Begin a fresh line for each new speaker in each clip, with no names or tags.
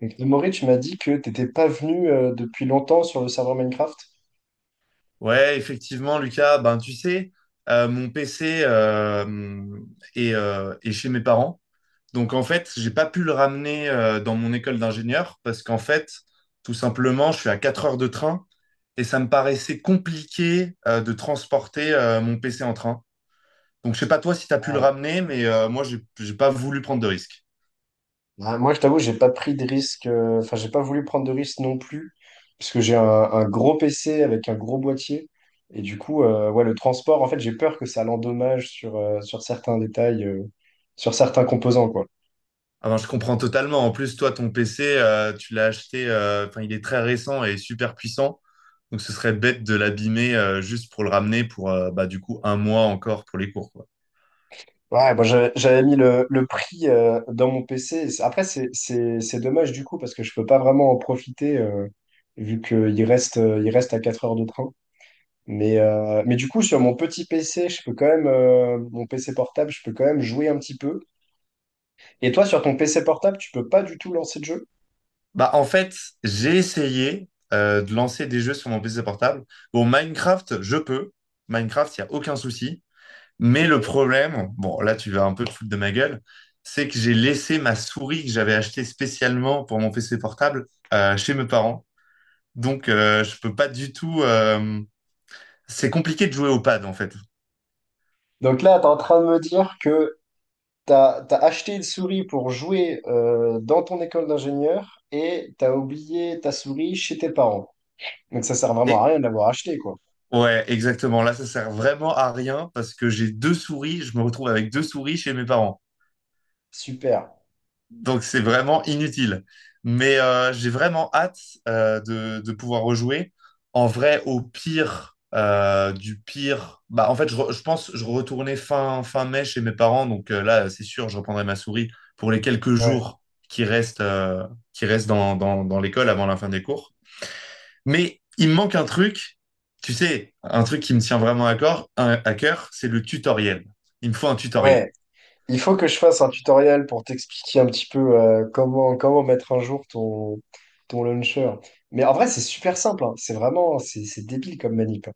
Et Maurice, tu m'as dit que t'étais pas venu depuis longtemps sur le serveur Minecraft.
Ouais, effectivement, Lucas, ben tu sais, mon PC est, est chez mes parents. Donc en fait, j'ai pas pu le ramener dans mon école d'ingénieur parce qu'en fait, tout simplement, je suis à 4 heures de train et ça me paraissait compliqué de transporter mon PC en train. Donc je sais pas toi si tu as pu le
Ah.
ramener, mais moi, j'ai pas voulu prendre de risque.
Bah, moi, je t'avoue, j'ai pas pris de risque, enfin, j'ai pas voulu prendre de risque non plus, parce que j'ai un gros PC avec un gros boîtier. Et du coup, ouais, le transport, en fait, j'ai peur que ça l'endommage sur certains détails, sur certains composants, quoi.
Ah ben, je comprends totalement. En plus, toi, ton PC, tu l'as acheté, enfin, il est très récent et super puissant. Donc, ce serait bête de l'abîmer juste pour le ramener pour, bah, du coup, un mois encore pour les cours, quoi.
Ouais, moi j'avais mis le prix dans mon PC. Après, c'est dommage du coup parce que je peux pas vraiment en profiter vu qu'il reste à 4 heures de train. Mais du coup, sur mon petit PC, je peux quand même, mon PC portable, je peux quand même jouer un petit peu. Et toi, sur ton PC portable, tu peux pas du tout lancer de jeu.
Bah, en fait, j'ai essayé de lancer des jeux sur mon PC portable. Bon, Minecraft, je peux. Minecraft, il n'y a aucun souci. Mais
Ok.
le problème, bon, là, tu vas un peu te foutre de ma gueule, c'est que j'ai laissé ma souris que j'avais achetée spécialement pour mon PC portable chez mes parents. Donc, je peux pas du tout. C'est compliqué de jouer au pad, en fait.
Donc là, tu es en train de me dire que tu as acheté une souris pour jouer dans ton école d'ingénieur et tu as oublié ta souris chez tes parents. Donc ça sert vraiment à
Et
rien de l'avoir acheté, quoi.
ouais, exactement. Là, ça sert vraiment à rien parce que j'ai deux souris. Je me retrouve avec deux souris chez mes parents.
Super.
Donc, c'est vraiment inutile. Mais j'ai vraiment hâte de pouvoir rejouer. En vrai, au pire, du pire. Bah, en fait, je pense je retournais fin, fin mai chez mes parents. Donc là, c'est sûr, je reprendrai ma souris pour les quelques
Ouais.
jours qui restent, euh, qui restent dans, dans, dans l'école avant la fin des cours. Mais il me manque un truc, tu sais, un truc qui me tient vraiment à, à cœur, c'est le tutoriel. Il me faut un tutoriel.
Ouais. Il faut que je fasse un tutoriel pour t'expliquer un petit peu comment mettre un jour ton launcher. Mais en vrai, c'est super simple, hein. C'est vraiment, c'est débile comme manip.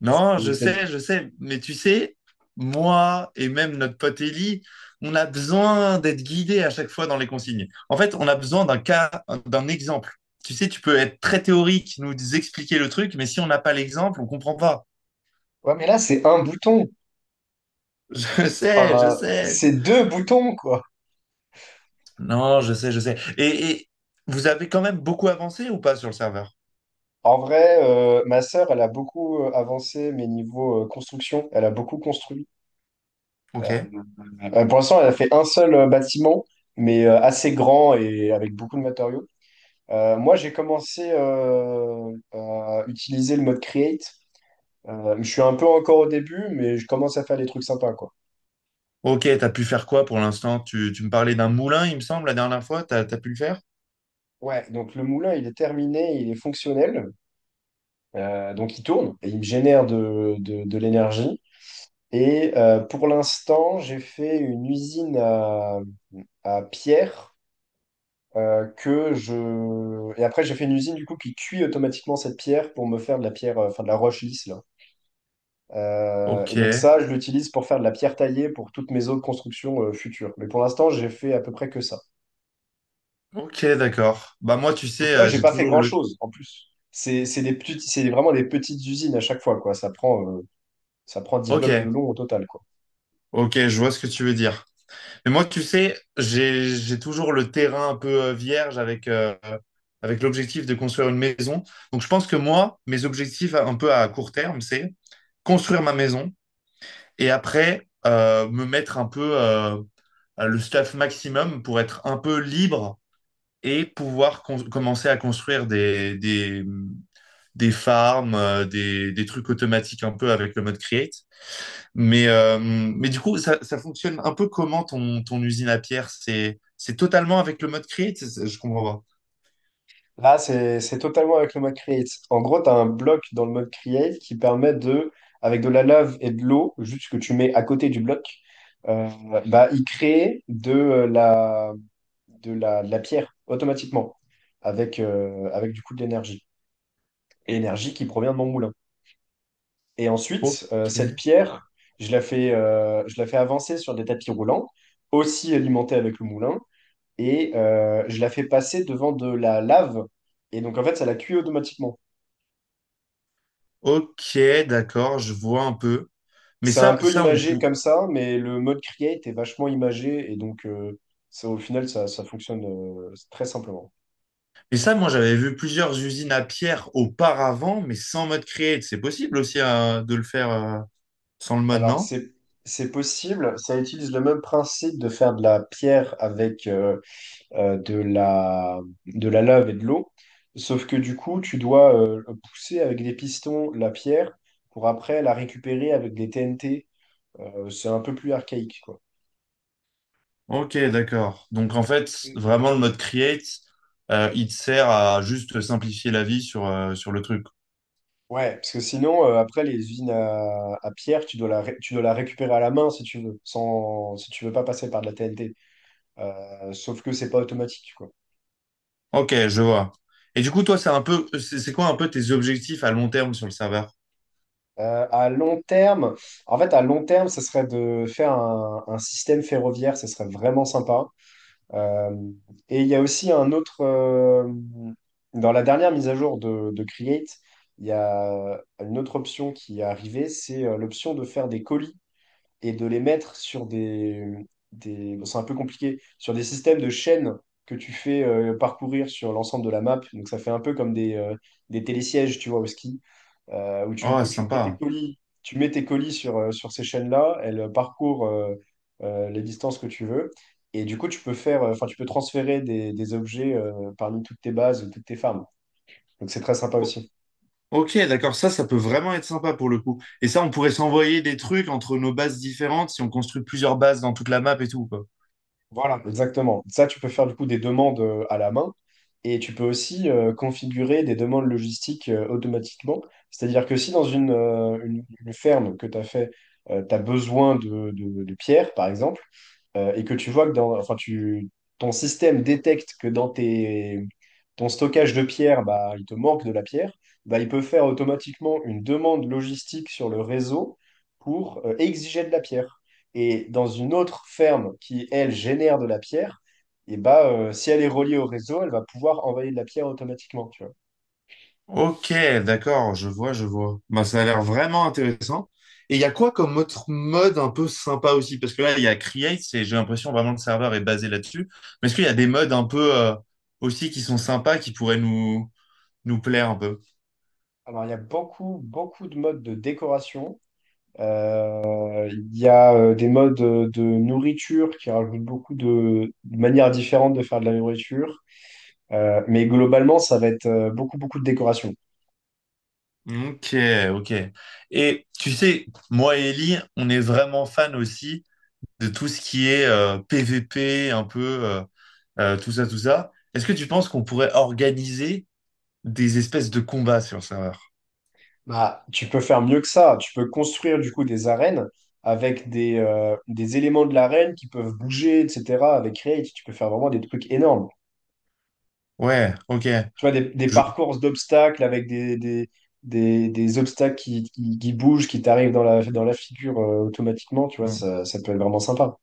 Non,
Et t'as-
je sais, mais tu sais, moi et même notre pote Ellie, on a besoin d'être guidé à chaque fois dans les consignes. En fait, on a besoin d'un cas, d'un exemple. Tu sais, tu peux être très théorique, nous expliquer le truc, mais si on n'a pas l'exemple, on comprend pas.
Ouais, mais là, c'est un bouton.
Je sais, je
Enfin,
sais.
c'est deux boutons, quoi.
Non, je sais, je sais. Et vous avez quand même beaucoup avancé ou pas sur le serveur?
En vrai, ma sœur, elle a beaucoup avancé, mais niveau construction, elle a beaucoup construit.
Ok.
Euh, pour l'instant, elle a fait un seul bâtiment, mais assez grand et avec beaucoup de matériaux. Moi, j'ai commencé à utiliser le mode create. Je suis un peu encore au début, mais je commence à faire des trucs sympas, quoi.
Ok, t'as pu faire quoi pour l'instant? Tu me parlais d'un moulin, il me semble, la dernière fois. T'as, t'as pu le faire?
Ouais, donc le moulin, il est terminé, il est fonctionnel. Donc il tourne et il me génère de l'énergie. Et pour l'instant, j'ai fait une usine à pierre. Et après, j'ai fait une usine, du coup, qui cuit automatiquement cette pierre pour me faire de la pierre, enfin de la roche lisse, là. Et
Ok,
donc ça, je l'utilise pour faire de la pierre taillée pour toutes mes autres constructions futures. Mais pour l'instant, j'ai fait à peu près que ça.
ok, d'accord. Bah moi, tu
Donc tu
sais,
vois, j'ai
j'ai
pas fait
toujours le...
grand-chose en plus. C'est des petites, c'est vraiment des petites usines à chaque fois, quoi. Ça prend dix
Ok,
blocs de long au total, quoi.
ok, je vois ce que tu veux dire. Mais moi, tu sais, j'ai toujours le terrain un peu vierge avec, avec l'objectif de construire une maison. Donc je pense que moi, mes objectifs un peu à court terme, c'est construire ma maison et après me mettre un peu le staff maximum pour être un peu libre et pouvoir commencer à construire des farms, des trucs automatiques un peu avec le mode create. Mais du coup, ça fonctionne un peu comment ton, ton usine à pierre? C'est totalement avec le mode create? C'est- Je comprends
Là, c'est totalement avec le mode create. En gros, tu as un bloc dans le mode create qui permet de, avec de la lave et de l'eau, juste que tu mets à côté du bloc, euh, bah, il crée de la pierre automatiquement, avec du coup de l'énergie. Et l'énergie qui provient de mon moulin. Et
pas. Ok.
ensuite, cette pierre, je la fais avancer sur des tapis roulants, aussi alimentés avec le moulin, et je la fais passer devant de la lave. Et donc, en fait, ça la cuit automatiquement.
Ok, d'accord, je vois un peu. Mais
C'est un
ça,
peu
ça, on
imagé
pou-
comme ça, mais le mode create est vachement imagé et donc au final ça fonctionne très simplement.
Mais ça, moi, j'avais vu plusieurs usines à pierre auparavant, mais sans mode create. C'est possible aussi de le faire sans le mode,
Alors
non?
c'est possible, ça utilise le même principe de faire de la pierre avec euh, de la de la lave et de l'eau, sauf que du coup tu dois pousser avec des pistons la pierre pour après la récupérer avec des TNT. C'est un peu plus archaïque, quoi.
Ok, d'accord. Donc en fait, vraiment le mode create, il te sert à juste simplifier la vie sur, sur le truc.
Ouais, parce que sinon, après, les usines à pierre, tu dois la récupérer à la main si tu veux, sans, si tu veux pas passer par de la TNT. Sauf que c'est pas automatique, quoi.
Ok, je vois. Et du coup, toi, c'est un peu, c'est quoi un peu tes objectifs à long terme sur le serveur?
À long terme, en fait, à long terme, ce serait de faire un système ferroviaire, ce serait vraiment sympa. Euh, et il y a aussi un autre, dans la dernière mise à jour de Create, il y a une autre option qui est arrivée, c'est l'option de faire des colis et de les mettre sur des bon, c'est un peu compliqué, sur des systèmes de chaînes que tu fais parcourir sur l'ensemble de la map. Donc ça fait un peu comme des télésièges, tu vois, au ski, où tu, du
Oh,
coup, tu mets tes
sympa.
colis, tu mets tes colis sur ces chaînes-là, elles parcourent les distances que tu veux. Et du coup, enfin, tu peux transférer des objets parmi toutes tes bases, toutes tes farms. Donc c'est très sympa
O-
aussi.
ok, d'accord. Ça peut vraiment être sympa pour le coup. Et ça, on pourrait s'envoyer des trucs entre nos bases différentes si on construit plusieurs bases dans toute la map et tout, quoi.
Voilà, exactement. Ça, tu peux faire du coup des demandes à la main et tu peux aussi configurer des demandes logistiques automatiquement. C'est-à-dire que si dans une ferme que tu as fait, tu as besoin de pierres, par exemple, et que tu vois que dans, enfin, ton système détecte que dans ton stockage de pierres, bah, il te manque de la pierre, bah, il peut faire automatiquement une demande logistique sur le réseau pour exiger de la pierre. Et dans une autre ferme qui, elle, génère de la pierre, et bah, si elle est reliée au réseau, elle va pouvoir envoyer de la pierre automatiquement, tu vois.
Ok, d'accord, je vois, je vois. Bah, ça a l'air vraiment intéressant. Et il y a quoi comme autre mode un peu sympa aussi? Parce que là, il y a Create, et j'ai l'impression vraiment que le serveur est basé là-dessus. Mais est-ce qu'il y a des
Ouais.
modes un peu aussi qui sont sympas, qui pourraient nous, nous plaire un peu?
Alors, il y a beaucoup, beaucoup de modes de décoration. Il y a des modes de nourriture qui rajoutent beaucoup de manières différentes de faire de la nourriture. Mais globalement, ça va être beaucoup, beaucoup de décoration.
Ok, ok. Et tu sais, moi et Ellie, on est vraiment fan aussi de tout ce qui est PVP, un peu tout ça, tout ça. Est-ce que tu penses qu'on pourrait organiser des espèces de combats sur le serveur?
Bah, tu peux faire mieux que ça. Tu peux construire du coup des arènes avec des éléments de l'arène qui peuvent bouger, etc. Avec Create, tu peux faire vraiment des trucs énormes.
Ouais, ok.
Tu vois, des
Je-
parcours d'obstacles avec des obstacles qui bougent, qui t'arrivent dans la figure automatiquement. Tu vois,
hmm.
ça peut être vraiment sympa.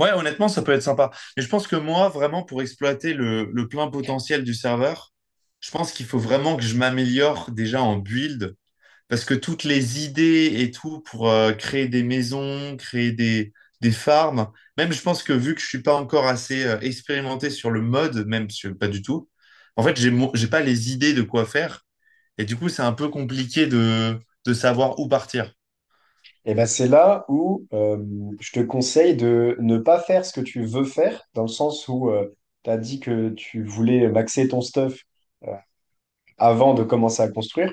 Ouais, honnêtement, ça peut être sympa. Mais je pense que moi, vraiment, pour exploiter le plein potentiel du serveur, je pense qu'il faut vraiment que je m'améliore déjà en build, parce que toutes les idées et tout pour créer des maisons, créer des farms, même je pense que vu que je suis pas encore assez expérimenté sur le mode, même sur- pas du tout, en fait, j'ai pas les idées de quoi faire, et du coup, c'est un peu compliqué de savoir où partir.
Et ben c'est là où je te conseille de ne pas faire ce que tu veux faire, dans le sens où tu as dit que tu voulais maxer ton stuff euh, avant de commencer à construire.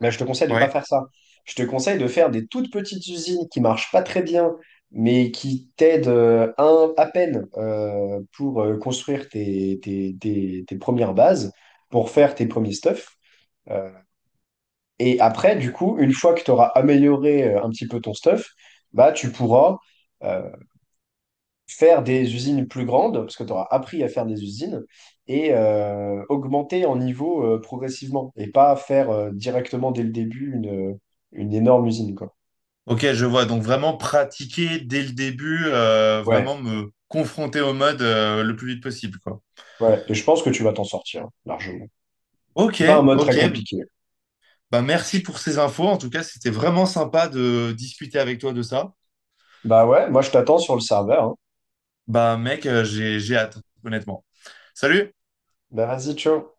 Bah, je te conseille de ne pas
Ouais.
faire ça. Je te conseille de faire des toutes petites usines qui marchent pas très bien, mais qui t'aident un, à peine pour construire tes premières bases, pour faire tes premiers stuffs. Euh, et après, du coup, une fois que tu auras amélioré un petit peu ton stuff, bah, tu pourras euh, faire des usines plus grandes, parce que tu auras appris à faire des usines, et augmenter en niveau progressivement, et pas faire directement dès le début une énorme usine, quoi.
Ok, je vois. Donc vraiment pratiquer dès le début,
Ouais,
vraiment me confronter au mode le plus vite possible, quoi.
ouais, et je pense que tu vas t'en sortir, hein, largement. C'est pas un
Ok,
mode très
ok.
compliqué.
Bah merci pour ces infos. En tout cas, c'était vraiment sympa de discuter avec toi de ça.
Bah ouais, moi je t'attends sur le serveur, hein.
Bah mec, j'ai hâte, honnêtement. Salut!
Bah vas-y, ciao.